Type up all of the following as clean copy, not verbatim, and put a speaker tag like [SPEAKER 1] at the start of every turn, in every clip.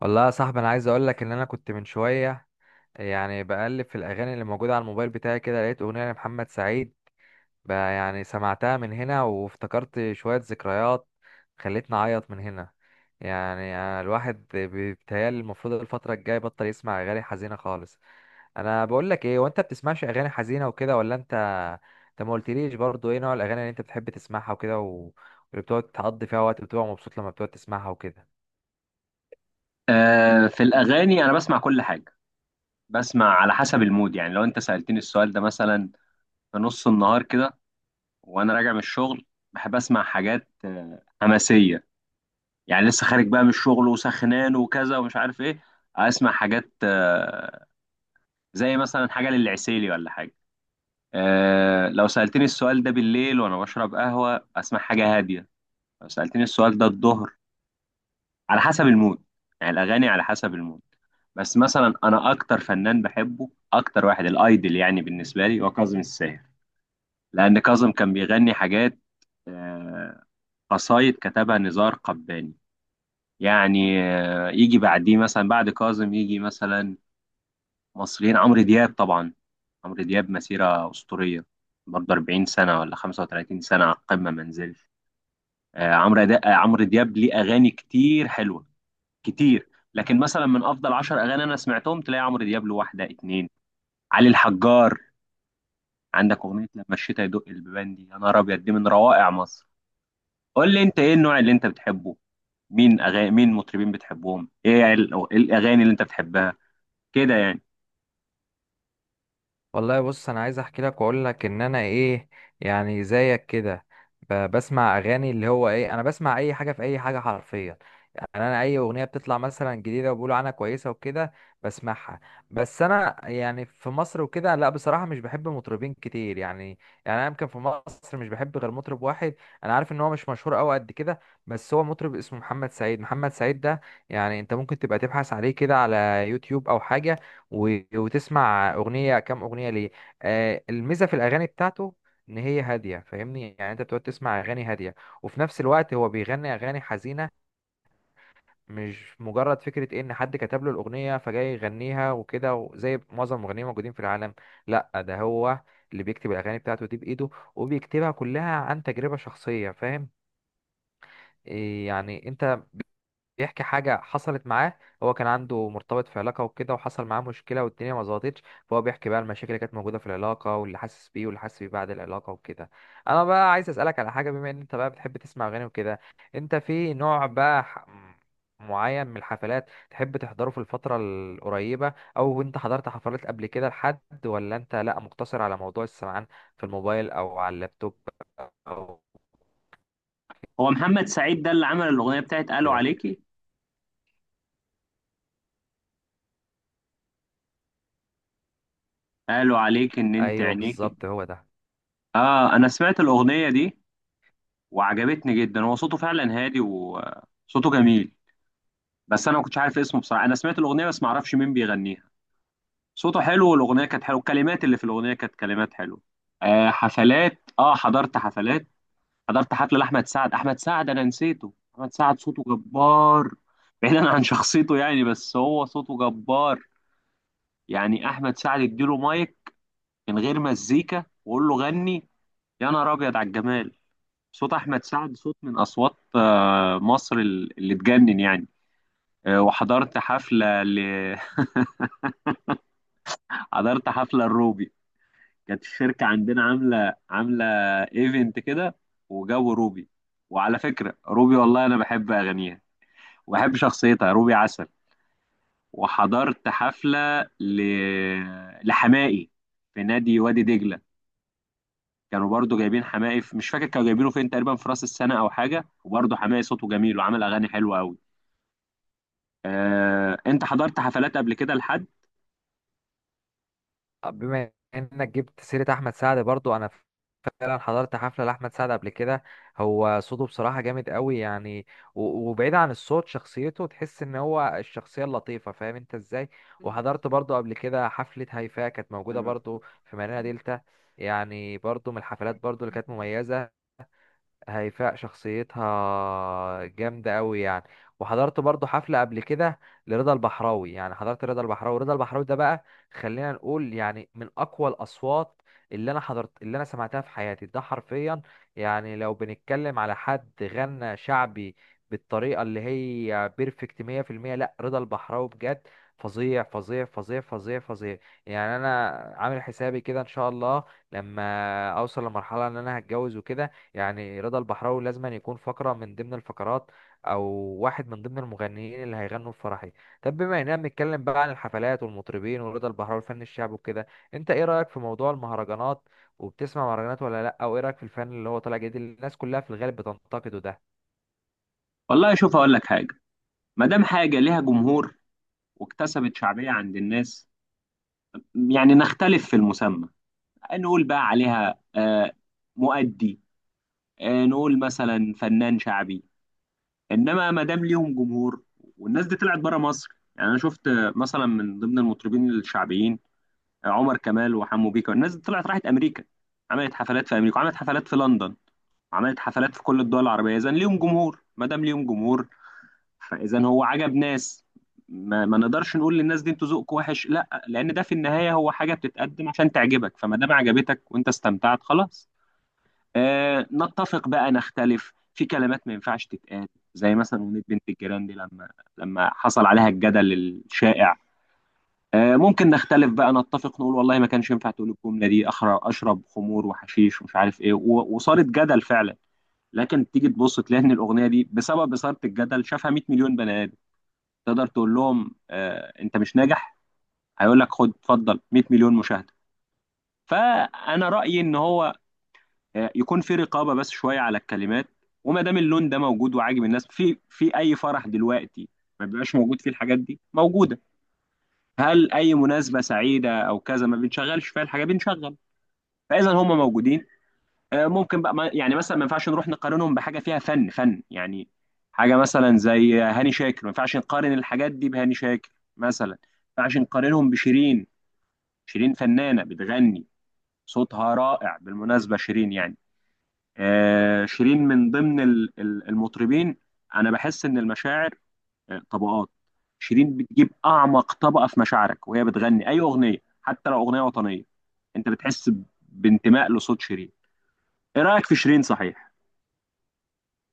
[SPEAKER 1] والله يا صاحبي، انا عايز اقول لك ان انا كنت من شويه يعني بقلب في الاغاني اللي موجوده على الموبايل بتاعي كده، لقيت اغنيه لمحمد سعيد. بقى يعني سمعتها من هنا وافتكرت شويه ذكريات خلتني اعيط من هنا. يعني الواحد بيتهيألي المفروض الفتره الجايه يبطل يسمع اغاني حزينه خالص. انا بقول لك ايه، وانت بتسمعش اغاني حزينه وكده ولا انت؟ انت ما قلتليش برضو ايه نوع الاغاني اللي انت بتحب تسمعها وكده واللي بتقعد تقضي فيها وقت بتبقى مبسوط لما بتقعد تسمعها وكده.
[SPEAKER 2] في الأغاني أنا بسمع كل حاجة. بسمع على حسب المود. يعني لو أنت سألتني السؤال ده مثلا في نص النهار كده وأنا راجع من الشغل، بحب أسمع حاجات حماسية. يعني لسه خارج بقى من الشغل وسخنان وكذا ومش عارف إيه، أسمع حاجات زي مثلا حاجة للعسيلي ولا حاجة. لو سألتني السؤال ده بالليل وأنا بشرب قهوة أسمع حاجة هادية. لو سألتني السؤال ده الظهر، على حسب المود. يعني الاغاني على حسب المود. بس مثلا انا اكتر فنان بحبه، اكتر واحد الايدل يعني بالنسبه لي، هو كاظم الساهر. لان كاظم كان بيغني حاجات آه، قصايد كتبها نزار قباني. يعني يجي بعديه مثلا، بعد كاظم يجي مثلا مصريين، عمرو دياب طبعا. عمرو دياب مسيره اسطوريه، برضه 40 سنه ولا 35 سنه على القمه ما نزلش. آه، عمرو دا- آه، عمرو دياب ليه اغاني كتير حلوه كتير، لكن مثلا من افضل 10 اغاني انا سمعتهم تلاقي عمرو دياب له واحده اتنين. علي الحجار، عندك اغنيه لما الشتا يدق البيبان، دي يا نهار ابيض، دي من روائع مصر. قول لي انت ايه النوع اللي انت بتحبه؟ مين اغاني، مين مطربين بتحبهم؟ ايه إيه الاغاني اللي انت بتحبها كده يعني؟
[SPEAKER 1] والله بص، انا عايز احكي لك واقول لك ان انا ايه، يعني زيك كده بسمع اغاني اللي هو ايه، انا بسمع اي حاجه في اي حاجه حرفيا. يعني انا اي اغنيه بتطلع مثلا جديده وبيقولوا عنها كويسه وكده بسمعها. بس انا يعني في مصر وكده لا، بصراحه مش بحب مطربين كتير يعني. يعني انا يمكن في مصر مش بحب غير مطرب واحد. انا عارف ان هو مش مشهور قوي قد كده، بس هو مطرب اسمه محمد سعيد. محمد سعيد ده يعني انت ممكن تبقى تبحث عليه كده على يوتيوب او حاجه وتسمع اغنيه، كام اغنيه ليه. آه الميزه في الاغاني بتاعته ان هي هاديه، فاهمني؟ يعني انت بتقعد تسمع اغاني هاديه وفي نفس الوقت هو بيغني اغاني حزينه. مش مجرد فكره إيه ان حد كتب له الاغنيه فجاي يغنيها وكده زي معظم المغنيين الموجودين في العالم. لا، ده هو اللي بيكتب الاغاني بتاعته دي بايده، وبيكتبها كلها عن تجربه شخصيه. فاهم إيه يعني انت؟ بيحكي حاجة حصلت معاه. هو كان عنده مرتبط في علاقة وكده وحصل معاه مشكلة والدنيا ما ظبطتش، فهو بيحكي بقى المشاكل اللي كانت موجودة في العلاقة واللي حاسس بيه، واللي حاسس بيه بعد العلاقة وكده. أنا بقى عايز أسألك على حاجة، بما إن أنت بقى بتحب تسمع أغاني وكده، أنت في نوع بقى معين من الحفلات تحب تحضره في الفترة القريبة، أو أنت حضرت حفلات قبل كده لحد، ولا أنت لأ مقتصر على موضوع السمعان في الموبايل أو على اللابتوب أو
[SPEAKER 2] هو محمد سعيد ده اللي عمل الاغنيه بتاعت قالوا
[SPEAKER 1] كده؟
[SPEAKER 2] عليكي؟ قالوا عليكي ان انت
[SPEAKER 1] أيوه
[SPEAKER 2] عينيكي؟
[SPEAKER 1] بالظبط هو ده.
[SPEAKER 2] اه انا سمعت الاغنيه دي وعجبتني جدا، هو صوته فعلا هادي وصوته جميل. بس انا ما كنتش عارف اسمه بصراحه، انا سمعت الاغنيه بس ما اعرفش مين بيغنيها. صوته حلو والاغنيه كانت حلوه، الكلمات اللي في الاغنيه كانت كلمات حلوه. آه حفلات، اه حضرت حفلات. حضرت حفله لاحمد سعد، احمد سعد انا نسيته. احمد سعد صوته جبار، بعيدا عن شخصيته يعني، بس هو صوته جبار. يعني احمد سعد اديله مايك من غير مزيكا وقول له غني يا نهار ابيض على الجمال. صوت احمد سعد صوت من اصوات مصر اللي تجنن يعني. آه وحضرت حفله ل... حضرت حفله الروبي. كانت الشركة عندنا عاملة ايفنت كده، وجابوا روبي. وعلى فكرة روبي والله أنا بحب أغانيها وبحب شخصيتها، روبي عسل. وحضرت حفلة ل... لحماقي في نادي وادي دجلة. كانوا برضو جايبين حماقي في... مش فاكر كانوا جايبينه فين، تقريبا في راس السنة أو حاجة. وبرضو حماقي صوته جميل وعمل أغاني حلوة أوي. آه... أنت حضرت حفلات قبل كده لحد؟
[SPEAKER 1] آه، بما انك جبت سيرة احمد سعد برضو، انا فعلا حضرت حفلة لأحمد سعد قبل كده. هو صوته بصراحة جامد قوي يعني، وبعيد عن الصوت شخصيته تحس ان هو الشخصية اللطيفة، فاهم انت ازاي؟ وحضرت برضو قبل كده حفلة هيفاء، كانت موجودة برضو في مارينا دلتا، يعني برضو من الحفلات برضو اللي كانت مميزة. هيفاء شخصيتها جامدة قوي يعني. وحضرت برضو حفلة قبل كده لرضا البحراوي، يعني حضرت رضا البحراوي. رضا البحراوي ده بقى خلينا نقول يعني من أقوى الأصوات اللي أنا سمعتها في حياتي، ده حرفيا. يعني لو بنتكلم على حد غنى شعبي بالطريقة اللي هي بيرفكت 100%، لا رضا البحراوي بجد فظيع فظيع فظيع فظيع فظيع. يعني أنا عامل حسابي كده إن شاء الله، لما أوصل لمرحلة إن أنا هتجوز وكده، يعني رضا البحراوي لازم أن يكون فقرة من ضمن الفقرات، أو واحد من ضمن المغنيين اللي هيغنوا في فرحي. طب بما إننا بنتكلم بقى عن الحفلات والمطربين ورضا البحراوي الفن الشعبي وكده، أنت إيه رأيك في موضوع المهرجانات؟ وبتسمع مهرجانات ولا لأ؟ أو إيه رأيك في الفن اللي هو طالع جديد اللي الناس كلها في الغالب بتنتقده ده؟
[SPEAKER 2] والله شوف أقول لك حاجة. ما دام حاجة ليها جمهور واكتسبت شعبية عند الناس، يعني نختلف في المسمى، نقول بقى عليها مؤدي، نقول مثلا فنان شعبي، انما ما دام ليهم جمهور، والناس دي طلعت بره مصر. يعني انا شفت مثلا من ضمن المطربين الشعبيين عمر كمال وحمو بيكا، الناس دي طلعت راحت امريكا، عملت حفلات في امريكا، وعملت حفلات في لندن، وعملت حفلات في كل الدول العربيه. اذا ليهم جمهور، ما دام ليهم جمهور، فاذا هو عجب ناس، ما نقدرش نقول للناس دي انتوا ذوقكم وحش. لا، لان ده في النهايه هو حاجه بتتقدم عشان تعجبك، فما دام عجبتك وانت استمتعت، خلاص. آه نتفق بقى، نختلف في كلمات ما ينفعش تتقال، زي مثلا أغنية بنت الجيران دي لما حصل عليها الجدل الشائع. آه ممكن نختلف بقى، نتفق نقول والله ما كانش ينفع تقول الجملة دي، أخر أشرب خمور وحشيش ومش عارف إيه، وصارت جدل فعلا. لكن تيجي تبص تلاقي إن الأغنية دي بسبب إثارة الجدل شافها 100 مليون بني آدم. تقدر تقول لهم آه أنت مش ناجح؟ هيقول لك خد اتفضل، 100 مليون مشاهدة. فأنا رأيي إن هو يكون في رقابه بس شويه على الكلمات. وما دام اللون ده موجود وعاجب الناس، في اي فرح دلوقتي ما بيبقاش موجود فيه؟ الحاجات دي موجوده. هل اي مناسبه سعيده او كذا ما بنشغلش فيها الحاجات دي؟ بنشغل. فاذا هم موجودين آه، ممكن بقى ما- يعني مثلا ما ينفعش نروح نقارنهم بحاجه فيها فن، فن يعني. حاجه مثلا زي هاني شاكر، ما ينفعش نقارن الحاجات دي بهاني شاكر مثلا. ما ينفعش نقارنهم بشيرين. شيرين فنانه بتغني، صوتها رائع بالمناسبه شيرين يعني. شيرين من ضمن المطربين. انا بحس ان المشاعر طبقات، شيرين بتجيب اعمق طبقه في مشاعرك وهي بتغني اي اغنيه، حتى لو اغنيه وطنيه انت بتحس بانتماء لصوت شيرين. ايه رايك في شيرين، صحيح؟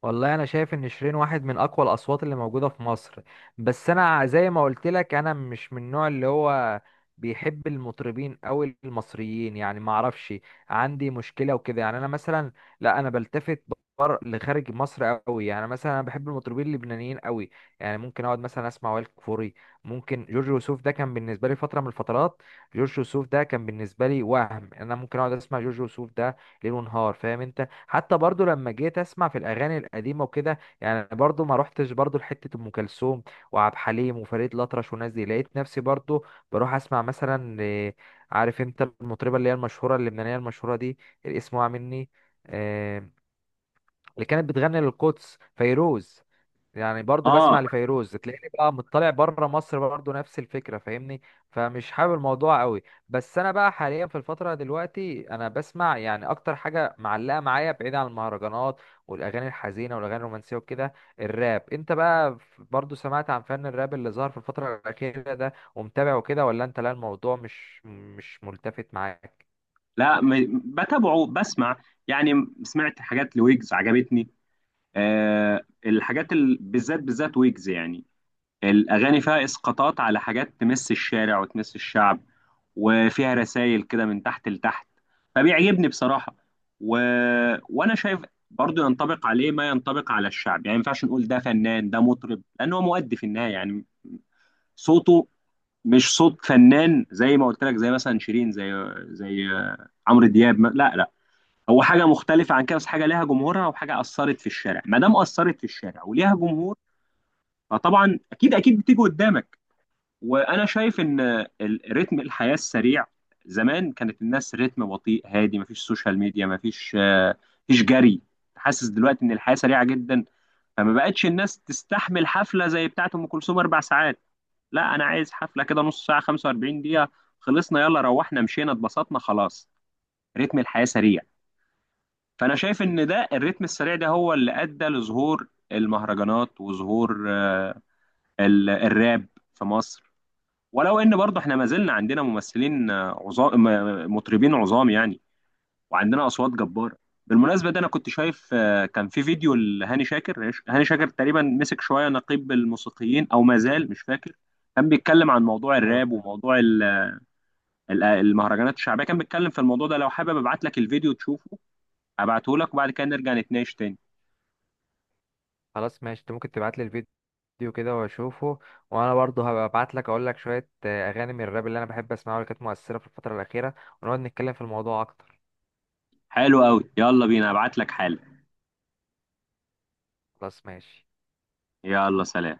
[SPEAKER 1] والله انا شايف ان شيرين واحد من اقوى الاصوات اللي موجوده في مصر. بس انا زي ما قلت لك، انا مش من النوع اللي هو بيحب المطربين او المصريين يعني، ما اعرفش عندي مشكله وكده يعني. انا مثلا لا، انا بلتفت بر لخارج مصر قوي يعني. مثلا انا بحب المطربين اللبنانيين قوي يعني. ممكن اقعد مثلا اسمع وائل كفوري، ممكن جورج وسوف. ده كان بالنسبه لي فتره من الفترات. جورج وسوف ده كان بالنسبه لي وهم، انا ممكن اقعد اسمع جورج وسوف ده ليل ونهار، فاهم انت؟ حتى برضو لما جيت اسمع في الاغاني القديمه وكده، يعني برضو ما روحتش برضو لحته ام كلثوم وعبد الحليم وفريد الاطرش والناس دي. لقيت نفسي برضو بروح اسمع مثلا آه، عارف انت المطربه اللي هي المشهوره اللبنانيه المشهوره دي، الاسم وقع مني، آه، اللي كانت بتغني للقدس، فيروز. يعني برضو
[SPEAKER 2] اه،
[SPEAKER 1] بسمع لفيروز، تلاقيني بقى مطلع بره مصر برضو نفس الفكره فاهمني. فمش حابب الموضوع قوي. بس انا بقى حاليا في الفتره دلوقتي انا بسمع يعني اكتر حاجه معلقه معايا، بعيد عن المهرجانات والاغاني الحزينه والاغاني الرومانسيه وكده. الراب، انت بقى برضو سمعت عن فن الراب اللي ظهر في الفتره الاخيره ده ومتابع وكده، ولا انت لا الموضوع مش ملتفت معاك؟
[SPEAKER 2] لا بتابعه، بسمع يعني. سمعت حاجات لويجز عجبتني. آه الحاجات ال... بالذات، ويجز يعني، الأغاني فيها إسقاطات على حاجات تمس الشارع وتمس الشعب، وفيها رسائل كده من تحت لتحت. فبيعجبني بصراحة. و... وأنا شايف برضو ينطبق عليه ما ينطبق على الشعب. يعني ما ينفعش نقول ده فنان، ده مطرب، لأن هو مؤدي في النهاية يعني. صوته مش صوت فنان زي ما قلت لك، زي مثلا شيرين، زي عمرو دياب لا، هو حاجة مختلفة عن كده، بس حاجة ليها جمهورها وحاجة أثرت في الشارع. ما دام أثرت في الشارع وليها جمهور، فطبعا أكيد بتيجي قدامك. وانا شايف ان رتم الحياه السريع، زمان كانت الناس رتم بطيء هادي، مفيش سوشيال ميديا، مفيش مفيش جري. حاسس دلوقتي ان الحياه سريعه جدا، فما بقتش الناس تستحمل حفله زي بتاعه ام كلثوم اربع ساعات. لا انا عايز حفله كده نص ساعه، 45 دقيقه، خلصنا يلا روحنا مشينا اتبسطنا خلاص. رتم الحياه سريع. فانا شايف ان ده الرتم السريع ده هو اللي ادى لظهور المهرجانات وظهور الراب في مصر. ولو ان برضه احنا ما زلنا عندنا ممثلين مطربين عظام يعني، وعندنا اصوات جباره. بالمناسبه ده انا كنت شايف كان في فيديو لهاني شاكر. هاني شاكر تقريبا مسك شويه نقيب الموسيقيين او ما زال مش فاكر، كان بيتكلم عن موضوع الراب وموضوع المهرجانات الشعبيه. كان بيتكلم في الموضوع ده، لو حابب ابعت لك الفيديو تشوفه، ابعته لك وبعد كده نرجع نتناقش تاني.
[SPEAKER 1] خلاص ماشي، انت ممكن تبعت لي الفيديو كده واشوفه، وانا برضه هبقى ابعت لك اقول لك شويه آه، اغاني من الراب اللي انا بحب اسمعها واللي كانت مؤثره في الفتره الاخيره، ونقعد نتكلم في الموضوع اكتر.
[SPEAKER 2] حلو قوي، يلا بينا، ابعت لك حالا.
[SPEAKER 1] خلاص ماشي.
[SPEAKER 2] يلا سلام.